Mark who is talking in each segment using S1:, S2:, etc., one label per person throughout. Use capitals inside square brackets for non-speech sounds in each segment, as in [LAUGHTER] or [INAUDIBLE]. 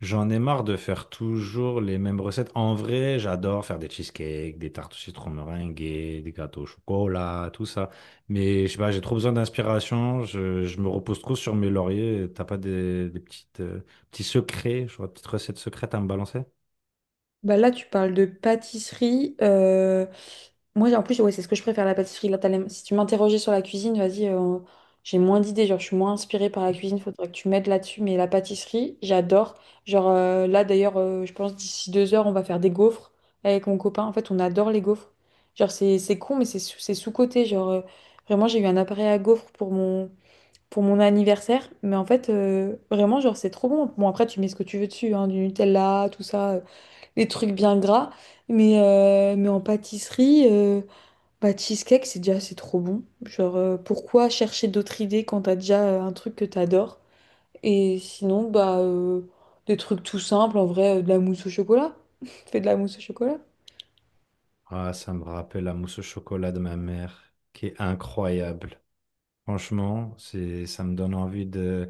S1: J'en ai marre de faire toujours les mêmes recettes. En vrai, j'adore faire des cheesecakes, des tartes au citron meringuées, des gâteaux au chocolat, tout ça. Mais je sais pas, j'ai trop besoin d'inspiration. Je me repose trop sur mes lauriers. T'as pas des petites, petits secrets, je vois, petites recettes secrètes à me balancer?
S2: Bah là, tu parles de pâtisserie. Moi, en plus, ouais, c'est ce que je préfère, la pâtisserie. Là, si tu m'interrogeais sur la cuisine, vas-y, j'ai moins d'idées. Genre, je suis moins inspirée par la cuisine. Faudrait que tu m'aides là-dessus. Mais la pâtisserie, j'adore. Genre, là, d'ailleurs, je pense d'ici 2 heures, on va faire des gaufres avec mon copain. En fait, on adore les gaufres. Genre, c'est con, mais c'est sous-coté. Genre, vraiment, j'ai eu un appareil à gaufres pour pour mon anniversaire. Mais en fait, vraiment, genre, c'est trop bon. Bon, après, tu mets ce que tu veux dessus, hein, du Nutella, tout ça, les trucs bien gras. Mais en pâtisserie, bah, cheesecake, c'est déjà, c'est trop bon. Genre, pourquoi chercher d'autres idées quand t'as déjà un truc que t'adores? Et sinon, bah, des trucs tout simples, en vrai, de la mousse au chocolat. [LAUGHS] Fais de la mousse au chocolat.
S1: Ah, ça me rappelle la mousse au chocolat de ma mère, qui est incroyable. Franchement, c'est, ça me donne envie de.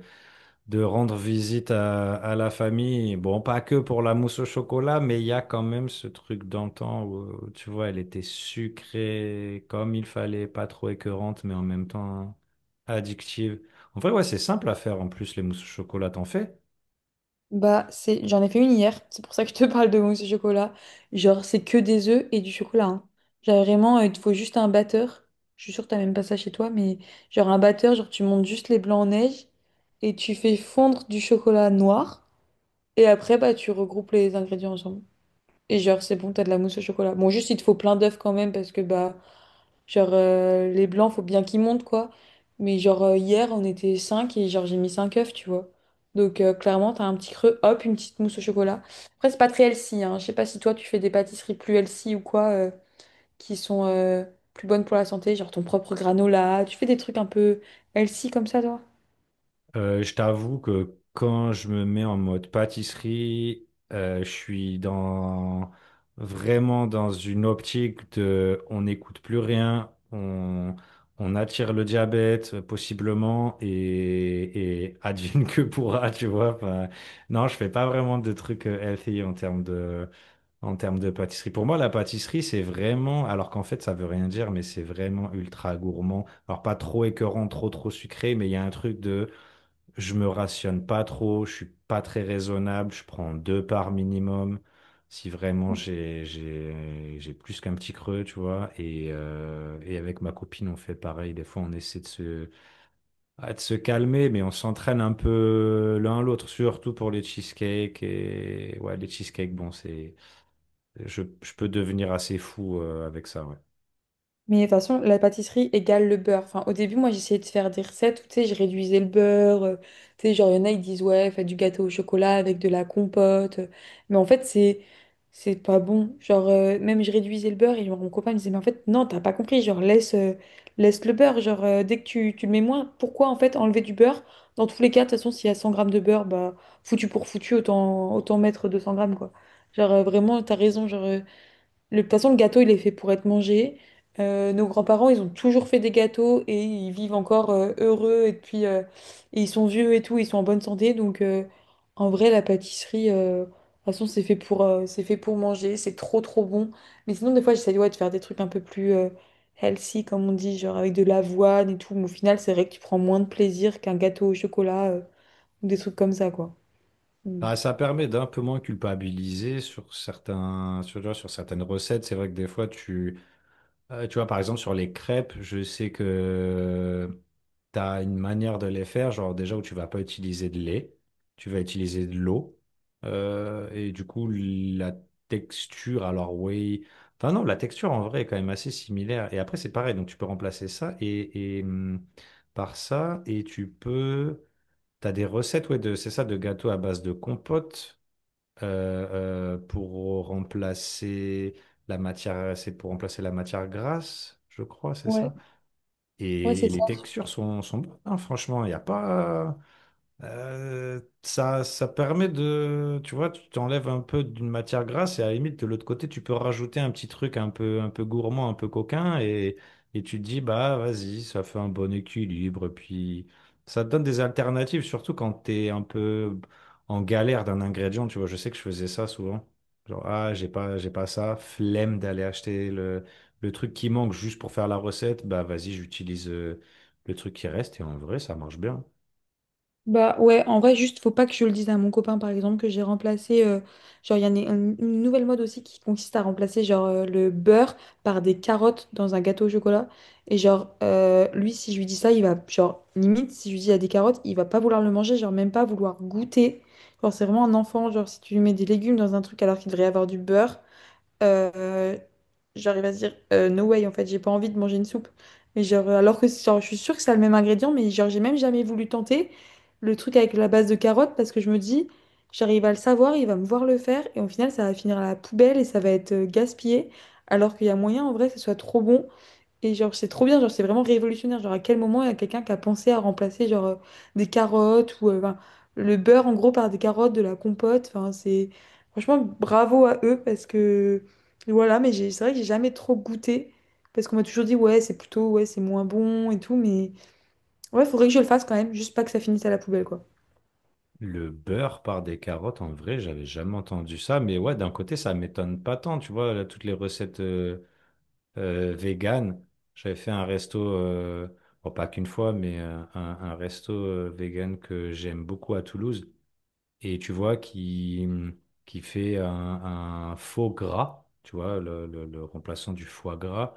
S1: De rendre visite à la famille. Bon, pas que pour la mousse au chocolat, mais il y a quand même ce truc d'antan où, tu vois, elle était sucrée comme il fallait, pas trop écœurante, mais en même temps addictive. En vrai, ouais, c'est simple à faire en plus, les mousses au chocolat, t'en fais?
S2: Bah, c'est... J'en ai fait une hier, c'est pour ça que je te [LAUGHS] parle de mousse au chocolat. Genre, c'est que des œufs et du chocolat, hein. Genre, vraiment, il te faut juste un batteur. Je suis sûre que t'as même pas ça chez toi, mais genre un batteur, genre tu montes juste les blancs en neige et tu fais fondre du chocolat noir. Et après, bah, tu regroupes les ingrédients ensemble. Et genre, c'est bon, t'as de la mousse au chocolat. Bon, juste, il te faut plein d'œufs quand même, parce que, bah, genre, les blancs, faut bien qu'ils montent, quoi. Mais genre, hier, on était 5 et genre, j'ai mis 5 œufs, tu vois. Donc, clairement, t'as un petit creux, hop, une petite mousse au chocolat. Après, c'est pas très healthy, hein. Je sais pas si toi, tu fais des pâtisseries plus healthy ou quoi, qui sont plus bonnes pour la santé, genre ton propre granola. Tu fais des trucs un peu healthy comme ça, toi?
S1: Je t'avoue que quand je me mets en mode pâtisserie, je suis dans vraiment dans une optique de on n'écoute plus rien, on attire le diabète possiblement et [LAUGHS] advienne que pourra, tu vois. Enfin, non, je fais pas vraiment de trucs healthy en termes de pâtisserie. Pour moi, la pâtisserie, c'est vraiment, alors qu'en fait, ça veut rien dire, mais c'est vraiment ultra gourmand. Alors pas trop écœurant, trop sucré, mais il y a un truc de je me rationne pas trop, je suis pas très raisonnable, je prends deux parts minimum si vraiment j'ai plus qu'un petit creux, tu vois. Et avec ma copine, on fait pareil. Des fois, on essaie de se, ah, de se calmer, mais on s'entraîne un peu l'un l'autre, surtout pour les cheesecakes. Et ouais, les cheesecakes, bon, c'est je peux devenir assez fou avec ça, ouais.
S2: Mais de toute façon, la pâtisserie égale le beurre. Enfin, au début, moi, j'essayais de faire des recettes où, tu sais, je réduisais le beurre. Tu sais, genre, il y en a, ils disent, ouais, faites du gâteau au chocolat avec de la compote. Mais en fait, c'est pas bon. Genre, même je réduisais le beurre et genre, mon copain me disait, mais en fait, non, t'as pas compris. Genre, laisse le beurre. Genre, dès que tu le mets moins, pourquoi, en fait, enlever du beurre? Dans tous les cas, de toute façon, s'il y a 100 grammes de beurre, bah, foutu pour foutu, autant mettre 200 grammes, quoi. Genre, vraiment, t'as raison. Genre, De toute façon, le gâteau, il est fait pour être mangé. Nos grands-parents, ils ont toujours fait des gâteaux et ils vivent encore heureux. Et puis, et ils sont vieux et tout, ils sont en bonne santé. Donc, en vrai, la pâtisserie, de toute façon, c'est fait pour manger. C'est trop, trop bon. Mais sinon, des fois, j'essaie ouais, de faire des trucs un peu plus healthy, comme on dit, genre avec de l'avoine et tout. Mais au final, c'est vrai que tu prends moins de plaisir qu'un gâteau au chocolat ou des trucs comme ça, quoi. Mm.
S1: Ah, ça permet d'un peu moins culpabiliser sur certains, sur, tu vois, sur certaines recettes. C'est vrai que des fois, tu tu vois, par exemple, sur les crêpes, je sais que tu as une manière de les faire, genre déjà où tu vas pas utiliser de lait, tu vas utiliser de l'eau. Et du coup, la texture, alors oui. Enfin, non, la texture en vrai est quand même assez similaire. Et après, c'est pareil, donc tu peux remplacer ça et par ça, et tu peux. T'as des recettes, ouais, de, c'est ça, de gâteaux à base de compote pour remplacer la matière, c'est pour remplacer la matière grasse, je crois, c'est
S2: Ouais,
S1: ça.
S2: ouais,
S1: Et,
S2: c'est...
S1: les textures sont, sont bonnes, hein, franchement, il n'y a pas. Ça, ça permet de, tu vois, tu t'enlèves un peu d'une matière grasse et à la limite de l'autre côté, tu peux rajouter un petit truc un peu gourmand, un peu coquin et tu te dis, bah vas-y, ça fait un bon équilibre. Puis ça te donne des alternatives, surtout quand t'es un peu en galère d'un ingrédient, tu vois. Je sais que je faisais ça souvent. Genre, ah, j'ai pas ça, flemme d'aller acheter le truc qui manque juste pour faire la recette, bah vas-y, j'utilise le truc qui reste et en vrai, ça marche bien.
S2: Bah ouais, en vrai, juste faut pas que je le dise à mon copain, par exemple, que j'ai remplacé, genre, il y en a une nouvelle mode aussi qui consiste à remplacer, genre, le beurre par des carottes dans un gâteau au chocolat. Et genre, lui, si je lui dis ça, il va, genre, limite, si je lui dis il y a des carottes, il va pas vouloir le manger, genre, même pas vouloir goûter. Genre, c'est vraiment un enfant, genre, si tu lui mets des légumes dans un truc alors qu'il devrait y avoir du beurre, euh, j'arrive à se dire no way, en fait j'ai pas envie de manger une soupe, mais genre alors que genre, je suis sûre que c'est le même ingrédient, mais genre j'ai même jamais voulu tenter le truc avec la base de carottes parce que je me dis, j'arrive à le savoir, il va me voir le faire et au final ça va finir à la poubelle et ça va être gaspillé, alors qu'il y a moyen en vrai que ce soit trop bon. Et genre, c'est trop bien, genre, c'est vraiment révolutionnaire. Genre, à quel moment il y a quelqu'un qui a pensé à remplacer, genre, des carottes ou ben, le beurre, en gros, par des carottes, de la compote. Enfin, c'est... Franchement, bravo à eux parce que... Voilà, mais c'est vrai que j'ai jamais trop goûté parce qu'on m'a toujours dit, ouais, c'est plutôt, ouais, c'est moins bon et tout, mais... Ouais, faudrait que je le fasse quand même, juste pas que ça finisse à la poubelle, quoi.
S1: Le beurre par des carottes, en vrai, j'avais jamais entendu ça, mais ouais, d'un côté, ça m'étonne pas tant, tu vois, là, toutes les recettes véganes. J'avais fait un resto, bon, pas qu'une fois, mais un resto vegan que j'aime beaucoup à Toulouse et tu vois qui fait un faux gras, tu vois, le remplaçant du foie gras,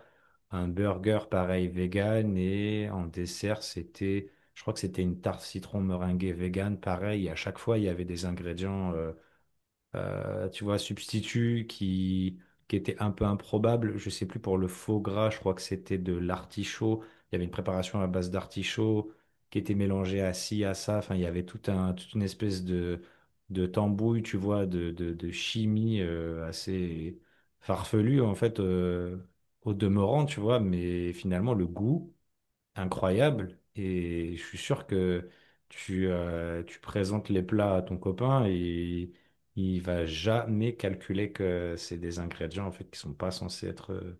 S1: un burger pareil vegan et en dessert c'était, je crois que c'était une tarte citron meringuée vegan pareil. Et à chaque fois il y avait des ingrédients tu vois, substitut qui était un peu improbable. Je sais plus pour le faux gras, je crois que c'était de l'artichaut. Il y avait une préparation à base d'artichaut qui était mélangée à ci, à ça. Enfin, il y avait tout un, toute une espèce de tambouille, tu vois, de chimie assez farfelue, en fait, au demeurant, tu vois. Mais finalement, le goût incroyable et je suis sûr que tu, tu présentes les plats à ton copain et il va jamais calculer que c'est des ingrédients en fait qui sont pas censés être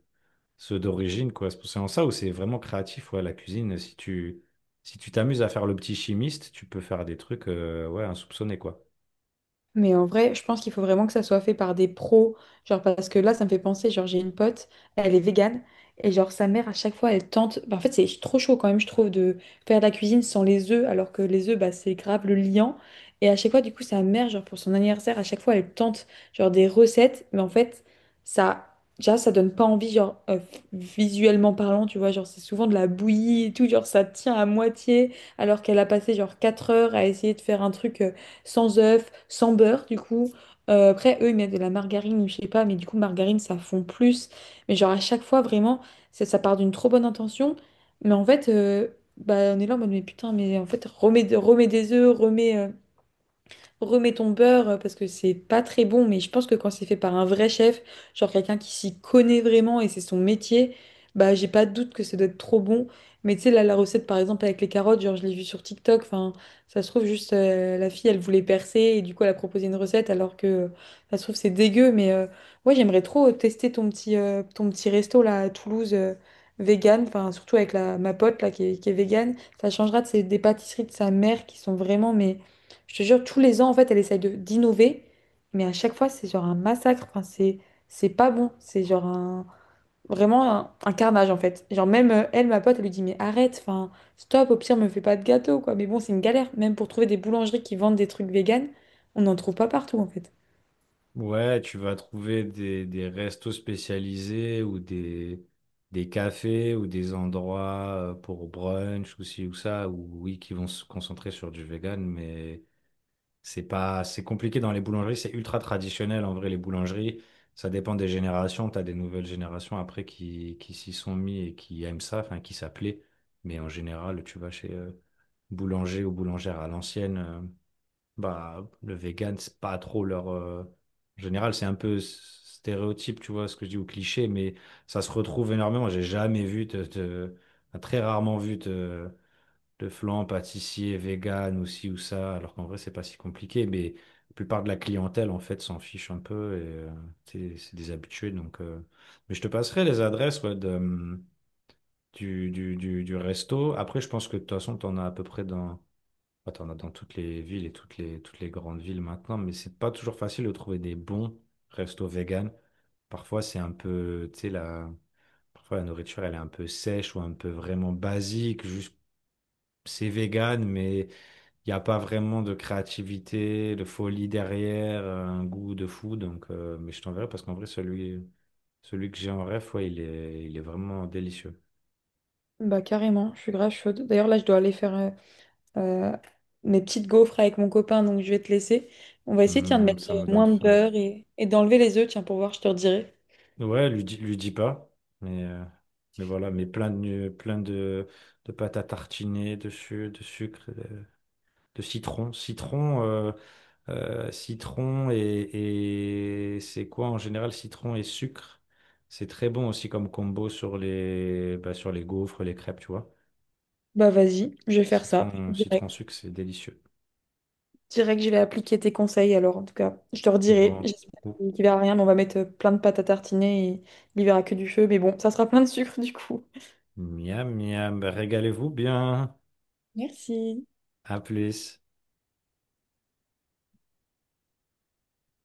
S1: ceux d'origine quoi. C'est pour c'est en ça où c'est vraiment créatif ouais, la cuisine. Si tu si tu t'amuses à faire le petit chimiste, tu peux faire des trucs ouais insoupçonnés quoi.
S2: Mais en vrai, je pense qu'il faut vraiment que ça soit fait par des pros. Genre, parce que là, ça me fait penser, genre, j'ai une pote, elle est végane, et genre, sa mère, à chaque fois, elle tente. Bah, en fait, c'est trop chaud quand même, je trouve, de faire de la cuisine sans les œufs, alors que les œufs, bah, c'est grave le liant. Et à chaque fois, du coup, sa mère, genre, pour son anniversaire, à chaque fois, elle tente, genre, des recettes, mais en fait, ça... Déjà, ça donne pas envie, genre, visuellement parlant, tu vois, genre, c'est souvent de la bouillie et tout, genre, ça tient à moitié, alors qu'elle a passé, genre, 4 heures à essayer de faire un truc, sans œufs, sans beurre, du coup. Après, eux, ils mettent de la margarine, ou je sais pas, mais du coup, margarine, ça fond plus. Mais genre, à chaque fois, vraiment, ça part d'une trop bonne intention. Mais en fait, bah, on est là en mode, mais putain, mais en fait, remets des œufs, remets ton beurre, parce que c'est pas très bon, mais je pense que quand c'est fait par un vrai chef, genre quelqu'un qui s'y connaît vraiment et c'est son métier, bah j'ai pas de doute que ça doit être trop bon. Mais tu sais, là, la recette par exemple avec les carottes, genre je l'ai vue sur TikTok, enfin ça se trouve juste la fille elle voulait percer et du coup elle a proposé une recette alors que ça se trouve c'est dégueu, mais ouais, j'aimerais trop tester ton ton petit resto là à Toulouse, vegan, enfin surtout avec ma pote là qui est vegan, ça changera de des pâtisseries de sa mère qui sont vraiment, mais je te jure, tous les ans, en fait, elle essaye de d'innover, mais à chaque fois, c'est genre un massacre. Enfin, c'est pas bon. C'est genre un, vraiment un carnage, en fait. Genre même elle, ma pote, elle lui dit, mais arrête, enfin, stop. Au pire, me fais pas de gâteau, quoi. Mais bon, c'est une galère. Même pour trouver des boulangeries qui vendent des trucs véganes, on n'en trouve pas partout, en fait.
S1: Ouais, tu vas trouver des restos spécialisés ou des cafés ou des endroits pour brunch ou ci ou ça, ou oui, qui vont se concentrer sur du vegan, mais c'est pas, c'est compliqué dans les boulangeries, c'est ultra traditionnel en vrai, les boulangeries. Ça dépend des générations, tu as des nouvelles générations après qui s'y sont mis et qui aiment ça, enfin qui s'appelaient. Mais en général, tu vas chez boulanger ou boulangère à l'ancienne. Bah, le vegan, c'est pas trop leur. En général, c'est un peu stéréotype, tu vois, ce que je dis, ou cliché, mais ça se retrouve énormément. J'ai jamais vu, de- enfin, très rarement vu de flan pâtissier vegan ou ci ou ça, alors qu'en vrai, c'est pas si compliqué, mais la plupart de la clientèle, en fait, s'en fiche un peu et c'est des habitués, donc. Mais je te passerai les adresses ouais, de, du resto. Après, je pense que de toute façon, t'en as à peu près dans bah, t'en as dans toutes les villes et toutes les grandes villes maintenant, mais c'est pas toujours facile de trouver des bons restos vegan. Parfois, c'est un peu, tu sais, la... Parfois, la nourriture, elle est un peu sèche ou un peu vraiment basique. Juste, c'est vegan, mais il n'y a pas vraiment de créativité, de folie derrière, un goût de fou. Donc, mais je t'enverrai parce qu'en vrai, celui, celui que j'ai en rêve, ouais, il est vraiment délicieux.
S2: Bah carrément, je suis grave chaude. D'ailleurs là, je dois aller faire euh, mes petites gaufres avec mon copain, donc je vais te laisser. On va essayer, tiens, de
S1: Mm,
S2: mettre
S1: ça me donne
S2: moins de
S1: faim.
S2: beurre et d'enlever les œufs, tiens, pour voir, je te redirai.
S1: Ouais, lui dis pas. Mais, euh, mais voilà, mais plein de pâte à tartiner, de, su- de sucre, de citron. Citron, citron et c'est quoi en général, citron et sucre? C'est très bon aussi comme combo sur les, bah, sur les gaufres, les crêpes, tu vois.
S2: Bah vas-y, je vais faire ça,
S1: Citron, citron
S2: direct.
S1: sucre, c'est délicieux.
S2: Direct, je vais appliquer tes conseils alors, en tout cas. Je te redirai.
S1: Bon,
S2: J'espère
S1: ouh.
S2: qu'il verra rien, mais on va mettre plein de pâtes à tartiner et il verra que du feu. Mais bon, ça sera plein de sucre du coup.
S1: Miam, miam, bah, régalez-vous bien.
S2: Merci.
S1: À plus.